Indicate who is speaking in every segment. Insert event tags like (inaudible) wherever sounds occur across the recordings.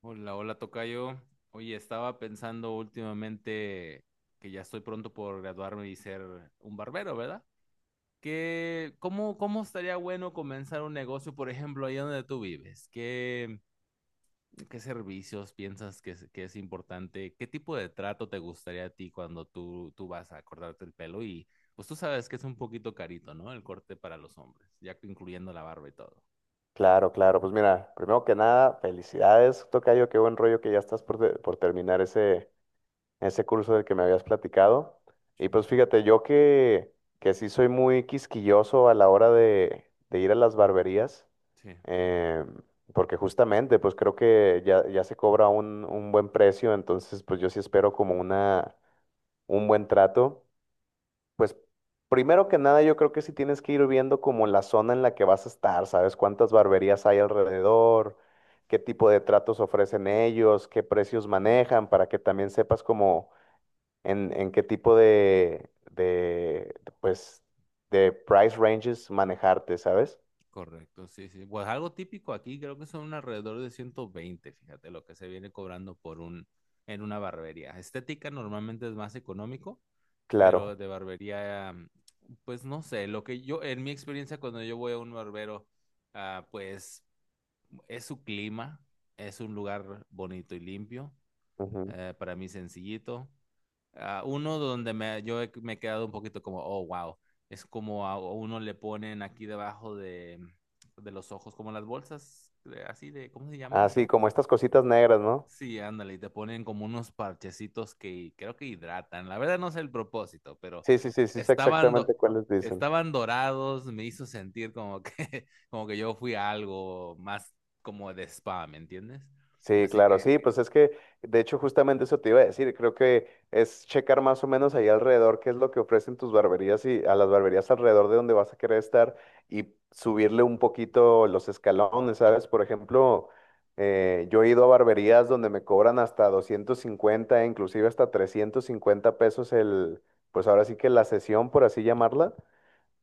Speaker 1: Hola, hola, tocayo. Oye, estaba pensando últimamente que ya estoy pronto por graduarme y ser un barbero, ¿verdad? ¿Qué, cómo estaría bueno comenzar un negocio, por ejemplo, ahí donde tú vives? ¿Qué, qué servicios piensas que es importante? ¿Qué tipo de trato te gustaría a ti cuando tú vas a cortarte el pelo? Y pues tú sabes que es un poquito carito, ¿no? El corte para los hombres, ya incluyendo la barba y todo.
Speaker 2: Claro, claro. Pues mira, primero que nada, felicidades, tocayo, qué buen rollo que ya estás por terminar ese curso del que me habías platicado. Y
Speaker 1: Sí,
Speaker 2: pues fíjate, que sí soy muy quisquilloso a la hora de ir a las barberías,
Speaker 1: sí.
Speaker 2: eh, porque justamente pues creo que ya se cobra un buen precio, entonces pues yo sí espero como un buen trato. Pues primero que nada, yo creo que sí tienes que ir viendo como la zona en la que vas a estar, ¿sabes? Cuántas barberías hay alrededor, qué tipo de tratos ofrecen ellos, qué precios manejan, para que también sepas como en qué tipo pues, de price ranges manejarte, ¿sabes?
Speaker 1: Correcto, sí, sí. Pues algo típico aquí, creo que son alrededor de 120, fíjate, lo que se viene cobrando por en una barbería. Estética normalmente es más económico, pero
Speaker 2: Claro.
Speaker 1: de barbería, pues no sé, lo que yo, en mi experiencia cuando yo voy a un barbero, pues es su clima, es un lugar bonito y limpio,
Speaker 2: Ujú.
Speaker 1: para mí sencillito. Ah, uno donde me he quedado un poquito como, oh, wow. Es como a uno le ponen aquí debajo de los ojos, como las bolsas, así de, ¿cómo se llama
Speaker 2: Así
Speaker 1: eso?
Speaker 2: como estas cositas negras, ¿no?
Speaker 1: Sí, ándale, y te ponen como unos parchecitos que creo que hidratan. La verdad no sé el propósito, pero
Speaker 2: Sí, sí, sí, sí, sé
Speaker 1: estaban, do-
Speaker 2: exactamente cuáles dicen.
Speaker 1: estaban dorados, me hizo sentir como que, (laughs) como que yo fui a algo más como de spa, ¿me entiendes?
Speaker 2: Sí,
Speaker 1: Así
Speaker 2: claro,
Speaker 1: que
Speaker 2: sí, de hecho, justamente eso te iba a decir, creo que es checar más o menos ahí alrededor qué es lo que ofrecen tus barberías y a las barberías alrededor de donde vas a querer estar y subirle un poquito los escalones, ¿sabes? Por ejemplo, yo he ido a barberías donde me cobran hasta 250, inclusive hasta 350 pesos el, pues ahora sí que la sesión, por así llamarla,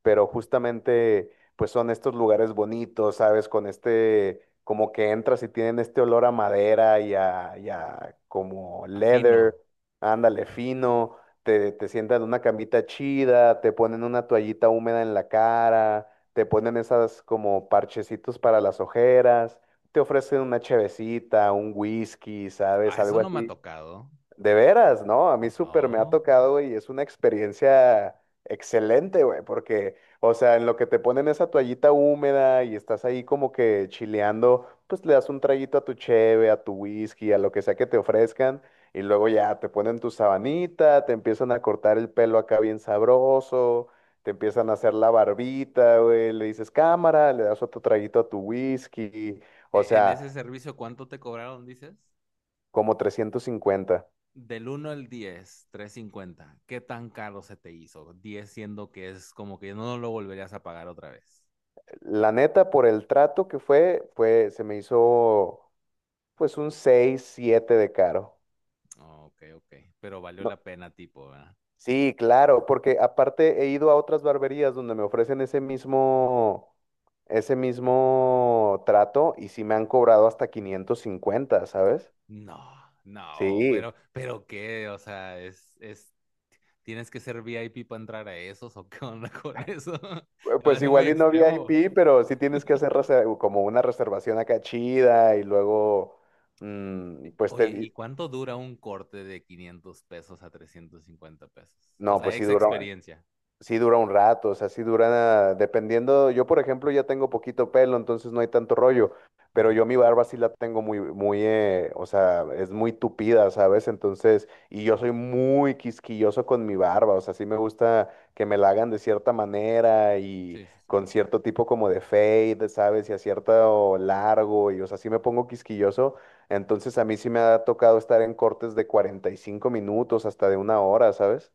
Speaker 2: pero justamente pues son estos lugares bonitos, ¿sabes? Con este, como que entras y tienen este olor a madera y a como
Speaker 1: afino.
Speaker 2: leather, ándale fino, te sientan en una camita chida, te ponen una toallita húmeda en la cara, te ponen esas como parchecitos para las ojeras, te ofrecen una chevecita, un whisky,
Speaker 1: Ah,
Speaker 2: ¿sabes?
Speaker 1: eso
Speaker 2: Algo
Speaker 1: no me ha
Speaker 2: así
Speaker 1: tocado.
Speaker 2: de veras, ¿no? A mí súper me ha
Speaker 1: Oh.
Speaker 2: tocado, güey, y es una experiencia excelente, güey, porque, o sea, en lo que te ponen esa toallita húmeda y estás ahí como que chileando, pues le das un traguito a tu cheve, a tu whisky, a lo que sea que te ofrezcan, y luego ya te ponen tu sabanita, te empiezan a cortar el pelo acá bien sabroso, te empiezan a hacer la barbita, güey, le dices cámara, le das otro traguito a tu whisky, o
Speaker 1: En
Speaker 2: sea,
Speaker 1: ese servicio, ¿cuánto te cobraron, dices?
Speaker 2: como 350.
Speaker 1: Del uno al 10, cincuenta. ¿Qué tan caro se te hizo? Diez siendo que es como que no lo volverías a pagar otra vez.
Speaker 2: La neta, por el trato fue, se me hizo pues un 6 7 de caro.
Speaker 1: Ok, ok. Pero valió
Speaker 2: No,
Speaker 1: la pena, tipo, ¿verdad?
Speaker 2: sí, claro, porque aparte he ido a otras barberías donde me ofrecen ese mismo trato y sí me han cobrado hasta 550, ¿sabes?
Speaker 1: No, no,
Speaker 2: Sí,
Speaker 1: pero qué, tienes que ser VIP para entrar a esos o qué onda con eso. (laughs) Me
Speaker 2: pues
Speaker 1: parece muy
Speaker 2: igual y no
Speaker 1: extremo.
Speaker 2: VIP, pero sí tienes que hacer como una reservación acá chida y luego, pues
Speaker 1: Oye, ¿y cuánto dura un corte de $500 a $350? O
Speaker 2: no,
Speaker 1: sea,
Speaker 2: pues sí
Speaker 1: ex
Speaker 2: duró.
Speaker 1: experiencia.
Speaker 2: Sí dura un rato, o sea, sí dura, dependiendo, yo por ejemplo ya tengo poquito pelo, entonces no hay tanto rollo, pero
Speaker 1: Ujú.
Speaker 2: yo mi barba sí la tengo muy, muy, o sea, es muy tupida, ¿sabes? Entonces, y yo soy muy quisquilloso con mi barba, o sea, sí me gusta que me la hagan de cierta manera y
Speaker 1: Sí, sí, sí.
Speaker 2: con cierto tipo como de fade, ¿sabes? Y a cierto largo, y o sea, sí me pongo quisquilloso, entonces a mí sí me ha tocado estar en cortes de 45 minutos hasta de una hora, ¿sabes?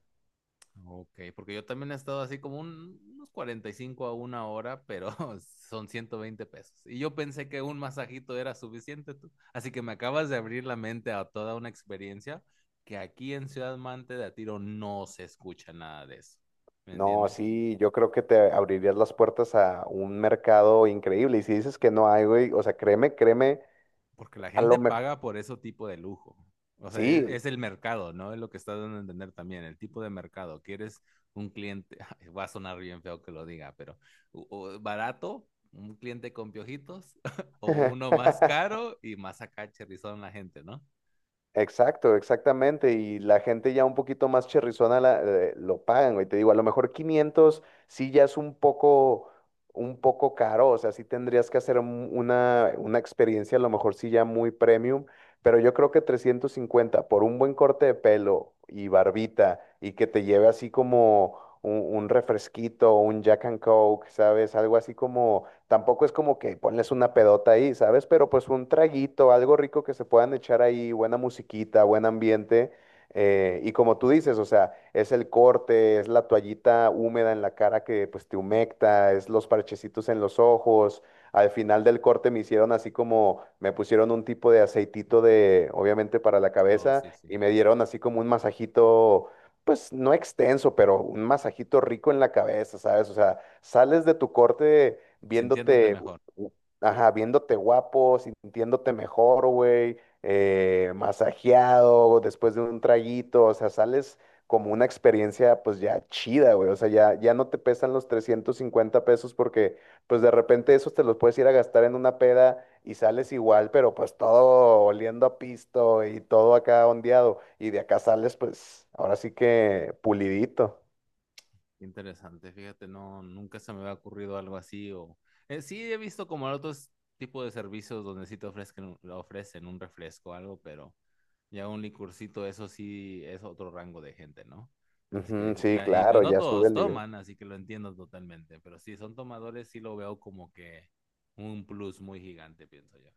Speaker 1: Ok, porque yo también he estado así como unos 45 a una hora, pero (laughs) son 120 pesos. Y yo pensé que un masajito era suficiente, tú. Así que me acabas de abrir la mente a toda una experiencia que aquí en Ciudad Mante de a tiro no se escucha nada de eso. ¿Me
Speaker 2: No,
Speaker 1: entiendes?
Speaker 2: sí, yo creo que te abrirías las puertas a un mercado increíble. Y si dices que no hay, güey, o sea, créeme,
Speaker 1: Porque la
Speaker 2: a
Speaker 1: gente
Speaker 2: lo mejor,
Speaker 1: paga por ese tipo de lujo. O sea,
Speaker 2: sí,
Speaker 1: es el mercado, ¿no? Es lo que está dando a entender también, el tipo de mercado. Quieres un cliente, (laughs) va a sonar bien feo que lo diga, pero o barato, un cliente con piojitos, (laughs) o
Speaker 2: (laughs)
Speaker 1: uno más caro y más acá cherrizón la gente, ¿no?
Speaker 2: exacto, exactamente. Y la gente ya un poquito más cherrizona lo pagan, güey. Te digo, a lo mejor 500 sí ya es un poco caro. O sea, sí tendrías que hacer una experiencia, a lo mejor sí ya muy premium. Pero yo creo que 350 por un buen corte de pelo y barbita y que te lleve así como un refresquito, un Jack and Coke, ¿sabes? Algo así como tampoco es como que ponles una pedota ahí, ¿sabes? Pero pues un traguito, algo rico que se puedan echar ahí, buena musiquita, buen ambiente. Y como tú dices, o sea, es el corte, es la toallita húmeda en la cara que pues te humecta, es los parchecitos en los ojos. Al final del corte me hicieron así como, me pusieron un tipo de aceitito de, obviamente para la
Speaker 1: Oh,
Speaker 2: cabeza,
Speaker 1: sí, sí.
Speaker 2: y me dieron así como un masajito, pues no extenso, pero un masajito rico en la cabeza, ¿sabes? O sea, sales de tu corte
Speaker 1: Sintiéndote
Speaker 2: viéndote,
Speaker 1: mejor.
Speaker 2: u- ajá, viéndote guapo, sintiéndote mejor, güey, masajeado después de un traguito, o sea, sales como una experiencia pues ya chida, güey, o sea, ya no te pesan los 350 pesos porque pues de repente esos te los puedes ir a gastar en una peda y sales igual, pero pues todo oliendo a pisto y todo acá ondeado y de acá sales pues ahora sí que pulidito.
Speaker 1: Interesante, fíjate, no, nunca se me había ocurrido algo así o sí he visto como otros tipos de servicios donde sí te ofrecen, lo ofrecen un refresco o algo, pero ya un licurcito, eso sí es otro rango de gente, ¿no? Así
Speaker 2: Ujú,
Speaker 1: que, y
Speaker 2: sí,
Speaker 1: ahí pues
Speaker 2: claro,
Speaker 1: no
Speaker 2: ya sube
Speaker 1: todos
Speaker 2: el nivel.
Speaker 1: toman, así que lo entiendo totalmente, pero si son tomadores, sí lo veo como que un plus muy gigante, pienso yo.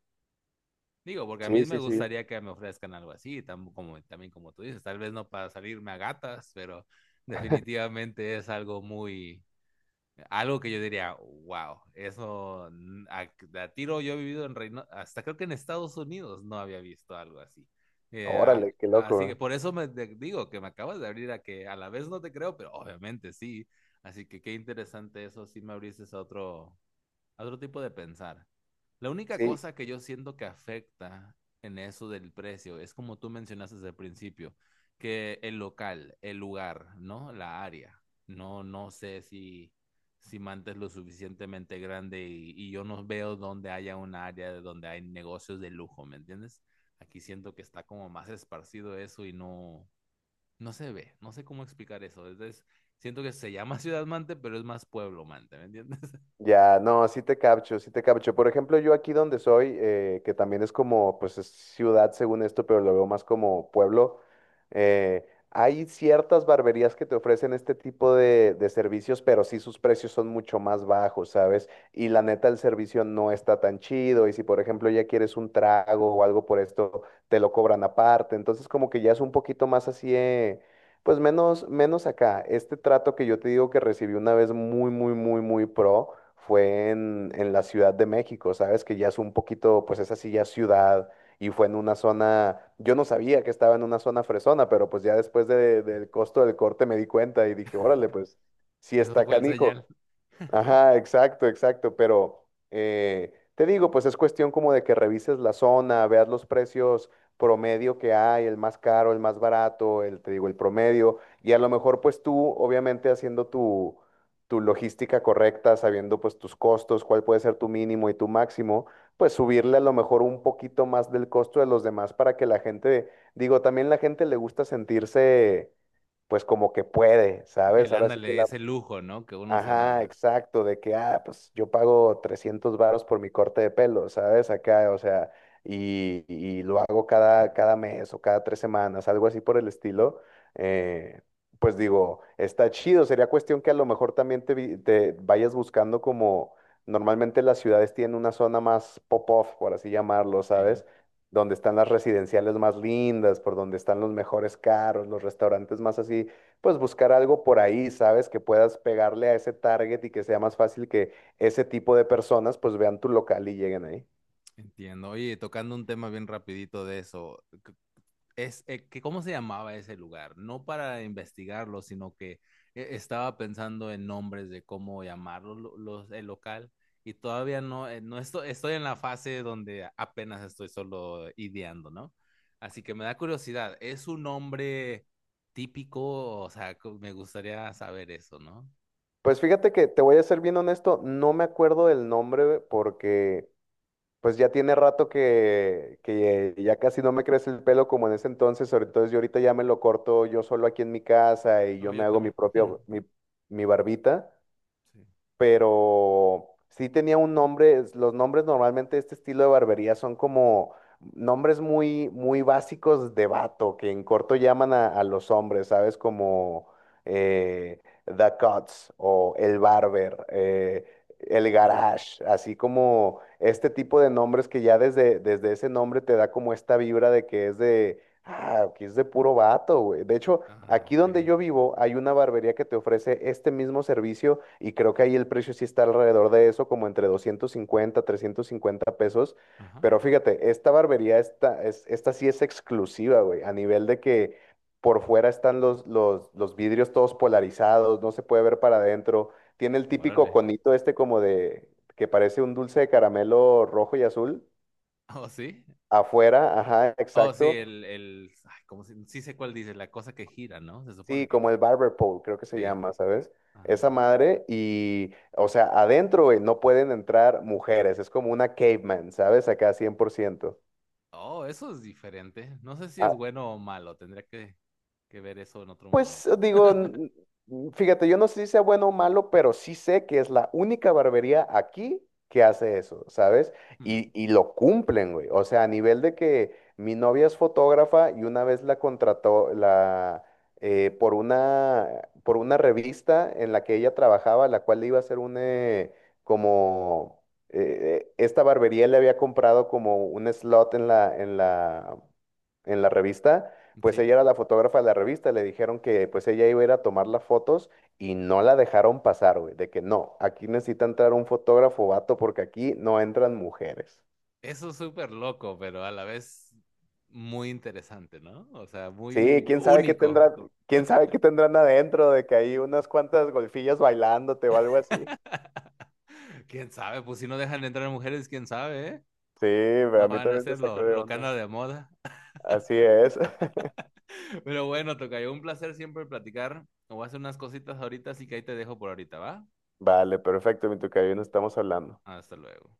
Speaker 1: Digo, porque a mí
Speaker 2: Sí,
Speaker 1: me
Speaker 2: sí, sí.
Speaker 1: gustaría que me ofrezcan algo así, como, también como tú dices, tal vez no para salirme a gatas, pero definitivamente es algo muy, algo que yo diría, wow, a tiro yo he vivido en Reino, hasta creo que en Estados Unidos no había visto algo así. Eh, a-
Speaker 2: Órale, qué
Speaker 1: así que
Speaker 2: loco.
Speaker 1: por eso digo que me acabas de abrir a que a la vez no te creo, pero obviamente sí. Así que qué interesante eso, sí me abriste a otro tipo de pensar. La única
Speaker 2: Sí,
Speaker 1: cosa que yo siento que afecta en eso del precio es como tú mencionaste desde el principio, que el local, el lugar, ¿no? La área. No, no sé si, si Manta es lo suficientemente grande y yo no veo donde haya un área de donde hay negocios de lujo, ¿me entiendes? Aquí siento que está como más esparcido eso y no, no se ve. No sé cómo explicar eso. Entonces, siento que se llama (laughs) Ciudad Mante, pero es más Pueblo Mante, ¿me entiendes? (laughs)
Speaker 2: ya, no, sí te capcho, sí te capcho. Por ejemplo, yo aquí donde soy, que también es como, pues es ciudad según esto, pero lo veo más como pueblo, hay ciertas barberías que te ofrecen este tipo de servicios, pero sí sus precios son mucho más bajos, ¿sabes? Y la neta, el servicio no está tan chido. Y si, por ejemplo, ya quieres un trago o algo por esto, te lo cobran aparte. Entonces, como que ya es un poquito más así, pues menos, menos acá. Este trato que yo te digo que recibí una vez muy, muy, muy, muy pro fue en la Ciudad de México, ¿sabes? Que ya es un poquito, pues es así ya es ciudad y fue en una zona, yo no sabía que estaba en una zona fresona, pero pues ya del costo del corte me di cuenta y dije, órale, pues sí
Speaker 1: Eso
Speaker 2: está
Speaker 1: fue el señal.
Speaker 2: canijo. Ajá, exacto, exacto, pero te digo, pues es cuestión como de que revises la zona, veas los precios promedio que hay, el más caro, el más barato, el, te digo, el promedio, y a lo mejor pues tú, obviamente haciendo tu logística correcta, sabiendo pues tus costos, cuál puede ser tu mínimo y tu máximo, pues subirle a lo mejor un poquito más del costo de los demás para que la gente, digo, también la gente le gusta sentirse pues como que puede, ¿sabes?
Speaker 1: El
Speaker 2: Ahora sí que
Speaker 1: ándale, ese lujo, ¿no? Que uno se
Speaker 2: ajá,
Speaker 1: da.
Speaker 2: exacto, de que, ah, pues yo pago 300 varos por mi corte de pelo, ¿sabes? Acá, o sea, y lo hago cada mes o cada 3 semanas, algo así por el estilo. eh, pues digo, está chido, sería cuestión que a lo mejor también te vayas buscando como, normalmente las ciudades tienen una zona más pop-off, por así llamarlo,
Speaker 1: Sí,
Speaker 2: ¿sabes? Donde están las residenciales más lindas, por donde están los mejores carros, los restaurantes más así pues buscar algo por ahí, ¿sabes? Que puedas pegarle a ese target y que sea más fácil que ese tipo de personas pues vean tu local y lleguen ahí.
Speaker 1: entiendo. Oye, tocando un tema bien rapidito de eso, es, que ¿cómo se llamaba ese lugar? No para investigarlo, sino que estaba pensando en nombres de cómo llamarlo el local y todavía no, estoy en la fase donde apenas estoy solo ideando, ¿no? Así que me da curiosidad, ¿es un nombre típico? O sea, me gustaría saber eso, ¿no?
Speaker 2: Pues fíjate que te voy a ser bien honesto, no me acuerdo del nombre porque pues ya tiene rato que ya casi no me crece el pelo como en ese entonces, sobre todo yo ahorita ya me lo corto yo solo aquí en mi casa y yo
Speaker 1: No,
Speaker 2: me
Speaker 1: yo
Speaker 2: hago mi
Speaker 1: también.
Speaker 2: propio,
Speaker 1: (laughs)
Speaker 2: mi barbita.
Speaker 1: Sí.
Speaker 2: Pero sí tenía un nombre, los nombres normalmente de este estilo de barbería son como nombres muy, muy básicos de vato, que en corto llaman a los hombres, ¿sabes? Como eh, The Cuts o El Barber, El
Speaker 1: Ok.
Speaker 2: Garage, así como este tipo de nombres que ya desde ese nombre te da como esta vibra de que es de... Ah, que es de puro vato, güey. De hecho,
Speaker 1: Ah,
Speaker 2: aquí
Speaker 1: ok.
Speaker 2: donde yo vivo hay una barbería que te ofrece este mismo servicio y creo que ahí el precio sí está alrededor de eso, como entre 250 350 pesos.
Speaker 1: Ajá.
Speaker 2: Pero fíjate, esta barbería, esta sí es exclusiva, güey, a nivel de que por fuera están los vidrios todos polarizados, no se puede ver para adentro. Tiene el típico
Speaker 1: Órale. (laughs)
Speaker 2: conito este como de, que parece un dulce de caramelo rojo y azul.
Speaker 1: Oh, sí.
Speaker 2: Afuera, ajá,
Speaker 1: Oh, sí,
Speaker 2: exacto.
Speaker 1: ¿cómo sí sé cuál dice, la cosa que gira, ¿no? Se supone
Speaker 2: Sí,
Speaker 1: que
Speaker 2: como
Speaker 1: gira.
Speaker 2: el barber pole, creo que se
Speaker 1: Sí,
Speaker 2: llama, ¿sabes? Esa
Speaker 1: ándale.
Speaker 2: madre y, o sea, adentro, güey, no pueden entrar mujeres, es como una caveman, ¿sabes? Acá 100%.
Speaker 1: Oh, eso es diferente. No sé si es bueno o malo. Que ver eso en otro
Speaker 2: Pues
Speaker 1: momento.
Speaker 2: digo,
Speaker 1: (laughs)
Speaker 2: fíjate, yo no sé si sea bueno o malo, pero sí sé que es la única barbería aquí que hace eso, ¿sabes?
Speaker 1: Hmm,
Speaker 2: Y lo cumplen, güey. O sea, a nivel de que mi novia es fotógrafa y una vez la contrató por por una revista en la que ella trabajaba, la cual le iba a hacer como, esta barbería le había comprado como un slot en la revista, pues
Speaker 1: sí.
Speaker 2: ella era la fotógrafa de la revista, le dijeron que pues ella iba a ir a tomar las fotos y no la dejaron pasar, güey, de que no, aquí necesita entrar un fotógrafo vato porque aquí no entran mujeres.
Speaker 1: Eso es súper loco, pero a la vez muy interesante, ¿no? O sea,
Speaker 2: Sí,
Speaker 1: muy
Speaker 2: quién sabe qué
Speaker 1: único.
Speaker 2: tendrán, quién sabe qué tendrán adentro, de que hay unas cuantas golfillas bailándote o algo así.
Speaker 1: (laughs) ¿Quién sabe? Pues si no dejan entrar mujeres, ¿quién sabe, eh?
Speaker 2: Sí, pero a
Speaker 1: No
Speaker 2: mí
Speaker 1: van a
Speaker 2: también me
Speaker 1: hacer
Speaker 2: sacó de
Speaker 1: lo que
Speaker 2: onda.
Speaker 1: anda de moda.
Speaker 2: Así es. (laughs)
Speaker 1: (laughs) Pero bueno, tocayo, un placer siempre platicar. Me voy a hacer unas cositas ahorita, así que ahí te dejo por ahorita, ¿va?
Speaker 2: Vale, perfecto, mi tocayo, nos estamos hablando.
Speaker 1: Hasta luego.